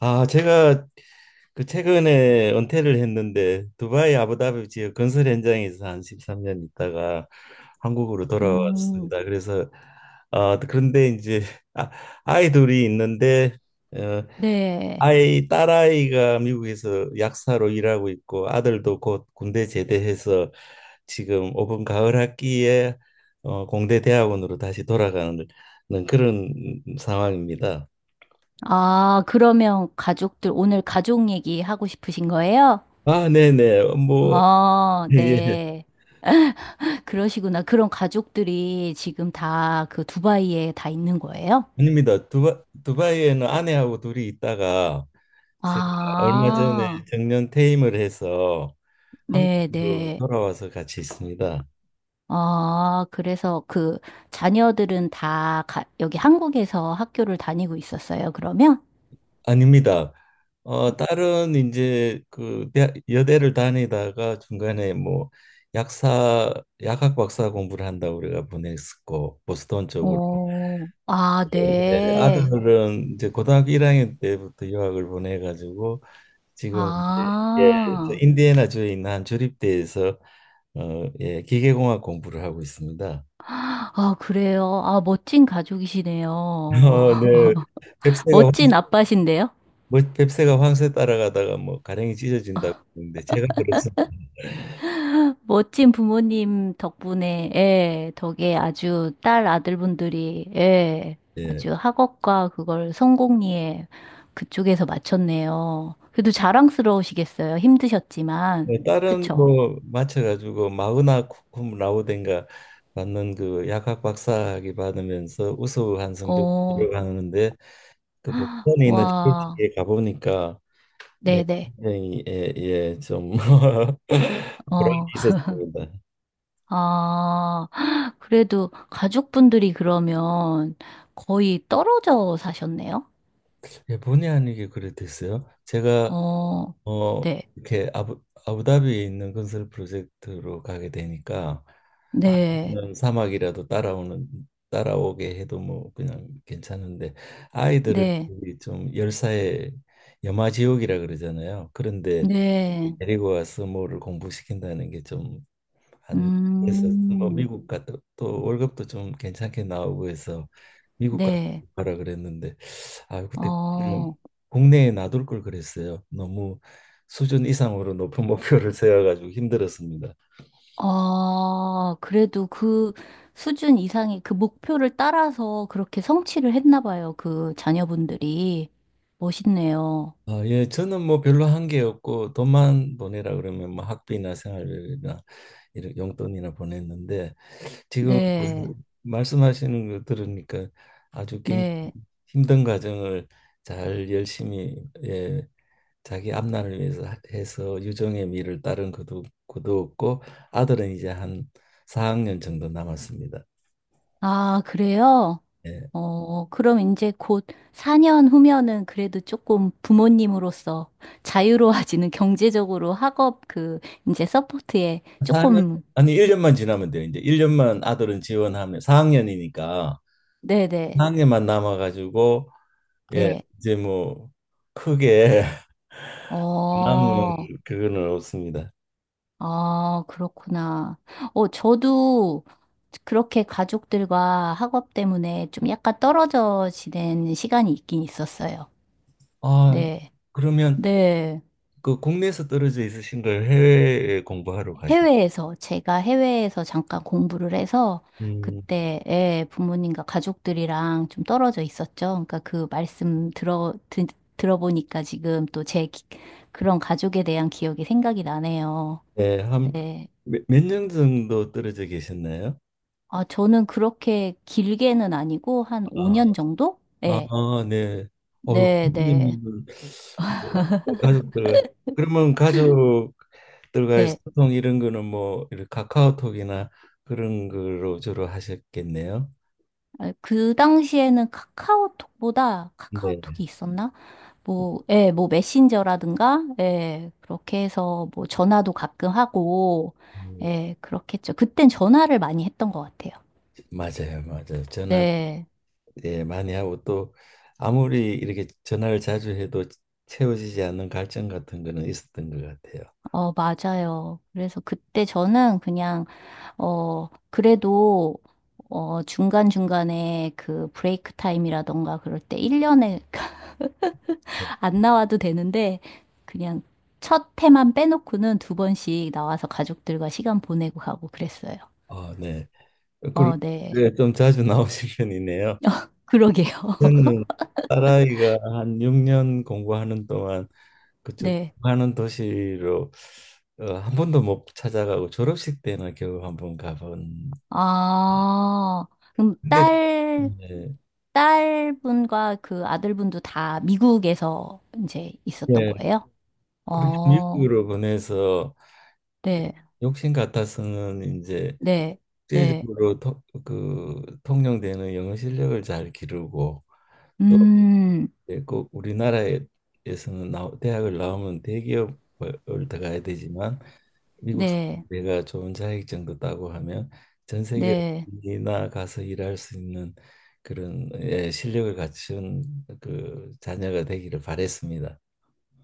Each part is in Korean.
아, 제가 그 최근에 은퇴를 했는데 두바이 아부다비 지역 건설 현장에서 한 13년 있다가 한국으로 음, 돌아왔습니다. 그래서 그런데 이제 아, 아이 둘이 있는데 어, 네. 아이 딸아이가 미국에서 약사로 일하고 있고 아들도 곧 군대 제대해서 지금 오번 가을 학기에 공대 대학원으로 다시 돌아가는 그런 상황입니다. 아, 그러면 가족들, 오늘 가족 얘기 하고 싶으신 거예요? 아, 네네. 뭐 아, 예. 네. 그러시구나. 그런 가족들이 지금 다 그 두바이에 다 있는 거예요? 아닙니다. 두바이에는 아내하고 둘이 있다가 제가 얼마 전에 아, 정년 퇴임을 해서 네, 한국으로 네. 돌아와서 같이 있습니다. 아, 그래서 그 자녀들은 다 가- 여기 한국에서 학교를 다니고 있었어요, 그러면? 아닙니다. 딸은 이제 여대를 다니다가 중간에 뭐 약사 약학 박사 공부를 한다고 우리가 보냈었고 보스턴 쪽으로. 어, 아, 예, 네. 아들은 이제 고등학교 1학년 때부터 유학을 보내가지고 지금 이제. 예, 저 아. 인디애나주에 있는 한 조립대에서 예, 기계공학 공부를 하고 있습니다. 아, 그래요. 아, 멋진 가족이시네요. 네. 뱁새가 황-. 멋진 아빠신데요? 뭐 뱁새가 황새 따라가다가 뭐 가랭이 찢어진다고 했는데 제가 들었어요. 멋진 부모님 덕분에, 예, 덕에 아주 딸 아들분들이, 예, 예. 아주 학업과 그걸 성공리에 그쪽에서 맞췄네요. 그래도 자랑스러우시겠어요. 힘드셨지만. 뭐 다른 그쵸? 뭐 맞춰가지고 마그나 쿰 라우덴가 받는 그 약학 박사학위 받으면서 우수한 성적 어, 들어가는데 그스턴에 있는 와, 지식에 가보니까 네, 네네. 굉장히 예, 예, 좀 보람이 어, 있었습니다. 아, 그래도 가족분들이 그러면 거의 떨어져 사셨네요? 예, 본의 아니게 그래 됐어요. 제가 어, 네, 이렇게 아부다비에 있는 건설 프로젝트로 가게 되니까 네, 아니면 사막이라도 따라오는 따라오게 해도 뭐 그냥 괜찮은데 아이들을 네, 거기 좀 열사의 염화지옥이라 그러잖아요. 그런데 네, 데리고 와서 뭐를 공부시킨다는 게좀 한에서 뭐 음, 미국 같은 또 월급도 좀 괜찮게 나오고 해서 미국 가 네, 가라 그랬는데 아 그때 음, 어, 국내에 놔둘 걸 그랬어요. 너무 수준 이상으로 높은 목표를 세워가지고 힘들었습니다. 아, 그래도 그 수준 이상의 그 목표를 따라서 그렇게 성취를 했나 봐요. 그 자녀분들이. 멋있네요. 아, 예, 저는 뭐 별로 한 게 없고 돈만 보내라 그러면 뭐 학비나 생활비나 이런 용돈이나 보냈는데 지금 그 네, 말씀하시는 거 들으니까 아주 굉- 네. 힘든 과정을 잘 열심히 예, 자기 앞날을 위해서 해서 유종의 미를 따른 그도 없고 아들은 이제 한 4학년 정도 남았습니다. 아, 그래요? 예. 어, 그럼 이제 곧 4년 후면은 그래도 조금 부모님으로서 자유로워지는 경제적으로 학업 그 이제 서포트에 사 학년 조금, 아니 1년만 지나면 돼요. 이제 1년만 아들은 지원하면 4학년이니까 네네, 4학년만 남아 가지고 예, 네. 이제 뭐 크게 남은 어, 그거는 없습니다. 아, 그렇구나. 어, 저도 그렇게 가족들과 학업 때문에 좀 약간 떨어져 지낸 시간이 있긴 있었어요. 아, 네. 그러면 네. 그 국내에서 떨어져 있으신 걸 해외에 공부하러 가신. 해외에서, 제가 해외에서 잠깐 공부를 해서 음. 그때 예, 부모님과 가족들이랑 좀 떨어져 있었죠. 그러니까 그 말씀 들어보니까 지금 또 제 그런 가족에 대한 기억이 생각이 나네요. 네, 한 네. 몇 년 정도 떨어져 계셨나요? 아, 저는 그렇게 길게는 아니고 한 아, 5년 정도? 아, 네. 네. 유 네, 네. 선생님은 뭐 가족들 그러면 가족들과의 네. 소통 이런 거는 뭐 이렇게 카카오톡이나 그런 거로 주로 하셨겠네요. 아, 그 당시에는 카카오톡보다 네. 카카오톡이 있었나? 뭐, 예, 뭐 메신저라든가, 예, 그렇게 해서 뭐 전화도 가끔 하고, 음, 예, 그렇겠죠. 그땐 전화를 많이 했던 것 같아요. 맞아요, 맞아요. 전화 네, 예 많이 하고 또 아무리 이렇게 전화를 자주 해도 채워지지 않는 갈증 같은 거는 있었던 것 같아요. 어, 맞아요. 그래서 그때 저는 그냥, 어, 그래도, 어, 중간중간에 그 브레이크 타임이라던가 그럴 때 1년에 네. 안 나와도 되는데, 그냥 첫 해만 빼놓고는 두 번씩 나와서 가족들과 시간 보내고 가고 그랬어요. 네. 그, 어, 네. 네, 좀 자주 나오신 편이네요. 그러게요. 저는 딸아이가 한 6년 공부하는 동안 그쪽 네. 공부하는 도시로 한 번도 못 찾아가고 졸업식 때나 겨우 한 번 가본. 아, 그럼 근데 네, 딸분과 그 아들분도 다 미국에서 이제 있었던 예, 거예요? 그렇게 어, 미국으로 보내서 네, 욕심 같아서는 이제 네, 네. 국제적으로 통- 그 통용되는 영어 실력을 잘 기르고 음, 예, 꼭 우리나라에서는 대학을 나오면 대기업을 들어가야 되지만 미국 네, 내가 좋은 자격증도 따고 하면 전 세계 네. 어디나 가서 일할 수 있는 그런 예, 실력을 갖춘 그 자녀가 되기를 바랬습니다.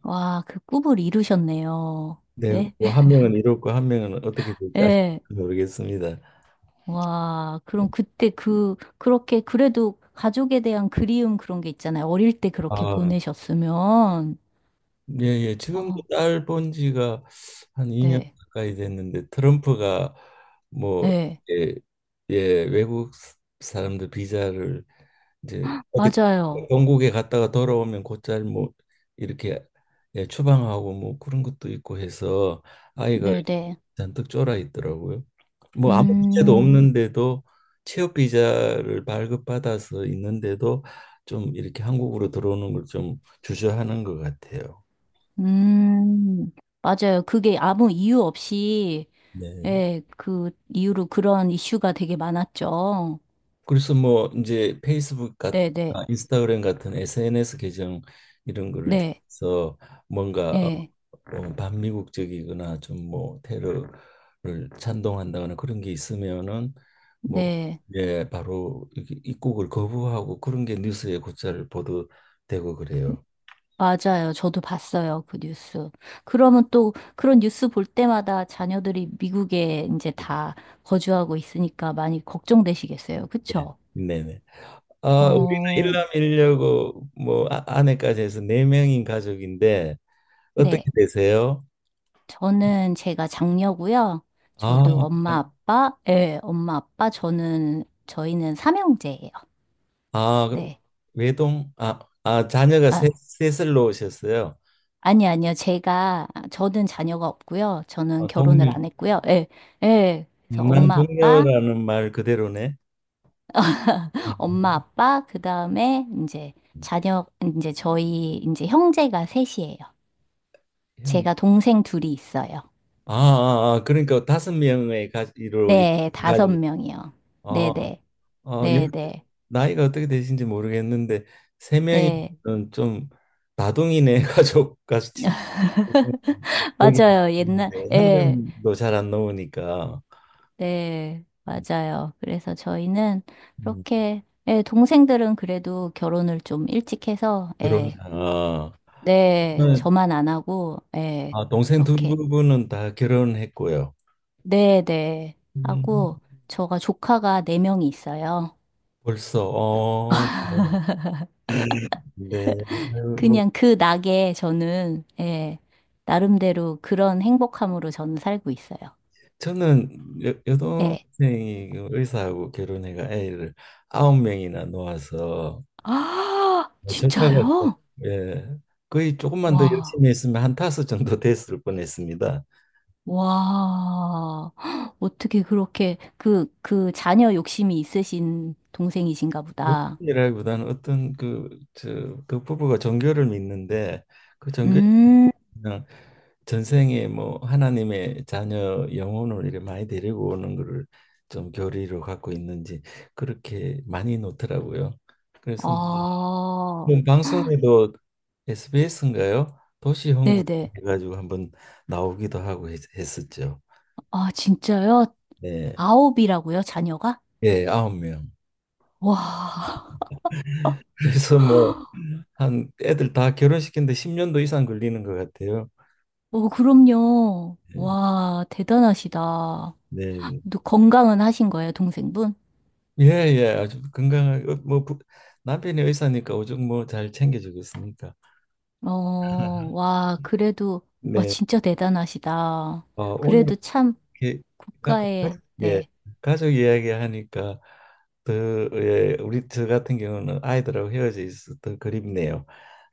와, 그 꿈을 이루셨네요. 네, 네, 뭐 한 명은 이렇고 한 명은 어떻게 될지 아직 네. 모르겠습니다. 와, 그럼 그때 그, 그렇게 그래도 가족에 대한 그리움 그런 게 있잖아요. 어릴 때 그렇게 아, 보내셨으면. 예, 예. 지금도 어, 딸 본 지가 한 2년 네, 가까이 됐는데 트럼프가 뭐 네. 예, 예, 외국 사람들 비자를 이제 어디 맞아요. 영국에 갔다가 돌아오면 곧잘 뭐 이렇게 예, 추방하고 뭐 그런 것도 있고 해서 아이가 네네. 잔뜩 쫄아 있더라고요. 뭐 아무 문제도 음, 없는데도 취업 비자를 발급받아서 있는데도 좀 이렇게 한국으로 들어오는 걸 좀 주저하는 것 같아요. 음, 맞아요. 그게 아무 이유 없이, 네. 예, 그 이유로 그런 이슈가 되게 많았죠. 그래서 뭐 이제 페이스북 같 네네. 아, 인스타그램 같은 SNS 계정 이런 거를 네, 통해서 뭔가 예, 반미국적이거나 좀 뭐 테러를 찬동한다거나 그런 게 있으면은 뭐 네. 예, 바로 이렇게 입국을 거부하고 그런 게 뉴스에 곧잘 보도되고 그래요. 맞아요. 저도 봤어요. 그 뉴스. 그러면 또 그런 뉴스 볼 때마다 자녀들이 미국에 이제 예. 다 거주하고 있으니까 많이 걱정되시겠어요. 예. 그쵸? 네네. 아, 우리는 어, 일남일녀고 뭐 아, 아내까지 해서 네 명인 가족인데 어떻게 네. 되세요? 저는 제가 장녀고요. 아, 저도 엄마, 아빠, 예, 엄마, 아빠, 저희는 삼형제예요. 아, 그 네. 외동, 아, 아, 자녀가 아, 셋을 놓으셨어요. 아니, 아니요. 저는 자녀가 없고요. 저는 아, 결혼을 동료, 안 했고요. 예, 예. 그래서 무난 엄마, 아빠, 동료라는 말 그대로네. 엄마, 음. 아빠, 그 다음에 이제 자녀, 이제 저희, 이제 형제가 셋이에요. 형, 제가 동생 둘이 있어요. 아, 아, 아, 그러니까 다섯 명의 가지로 이렇게 네, 다섯 가지고, 명이요. 어, 네네. 연- 네네. 나이가 어떻게 되신지 모르겠는데 세 네. 명이면 좀 다둥이네 가족 같이 여기 맞아요. 옛날, 있는데 한 예. 명도 잘 안 나오니까 네, 맞아요. 그래서 저희는 음, 그렇게, 예, 동생들은 그래도 결혼을 좀 일찍 해서, 결혼. 예, 아, 네, 저만 안 하고, 예, 아, 동생 두 이렇게, 분은 다 결혼했고요. 네, 네, 음, 하고, 저가 조카가 네명이 있어요. 벌써 네. 아유, 뭐 그냥 그 낙에 저는, 예, 나름대로 그런 행복함으로 저는 살고 있어요. 저는 네. 여동생이 그 의사하고 결혼해가 애를 아홉 명이나 놓아서 아, 조카가 또, 진짜요? 예, 거의 조금만 더 와. 열심히 했으면 한 다섯 정도 됐을 뻔했습니다. 와, 헉, 어떻게 그렇게 그, 그 자녀 욕심이 있으신 동생이신가 보다. 욕심이라기보다는 어떤 그, 저, 그 부부가 종교를 믿는데 그 종교 음, 그냥 전생에 뭐 하나님의 자녀 영혼을 이렇게 많이 데리고 오는 거를 좀 교리로 갖고 있는지 그렇게 많이 놓더라고요. 그래서 아, 뭐 방송에도 SBS인가요? 도시 홍보 네네. 해가지고 한번 나오기도 하고 했었죠. 아, 진짜요? 네, 아홉이라고요, 자녀가? 예, 아홉 명. 와, 그래서 뭐 한 애들 다 결혼시키는데 10년도 이상 걸리는 것 같아요. 어, 그럼요. 네, 와, 대단하시다. 네. 또 건강은 하신 거예요, 동생분? 예, 예, 아주 건강하게 뭐 부- 남편이 의사니까 오죽 뭐 잘 챙겨주겠습니까? 어, 와, 그래도, 와, 네, 진짜 대단하시다. 오늘 그래도 참 이렇게 가, 국가에, 예 네, 가족 이야기 하니까 더 예, 우리 저 같은 경우는 아이들하고 헤어져 있어 더 그립네요.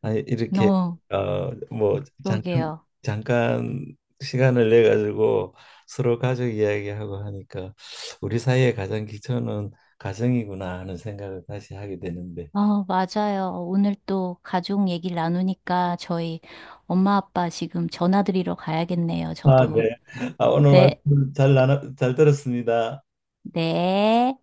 아니 이렇게 너, 뭐 잠깐 그러게요. 잠깐 시간을 내 가지고 서로 가족 이야기하고 하니까 우리 사이의 가장 기초는 가정이구나 하는 생각을 다시 하게 되는데. 어, 맞아요. 오늘 또 가족 얘기를 나누니까 저희 엄마 아빠 지금 전화 드리러 가야겠네요, 아, 저도. 네. 아, 오늘 네, 말씀 잘 잘 들었습니다. 네.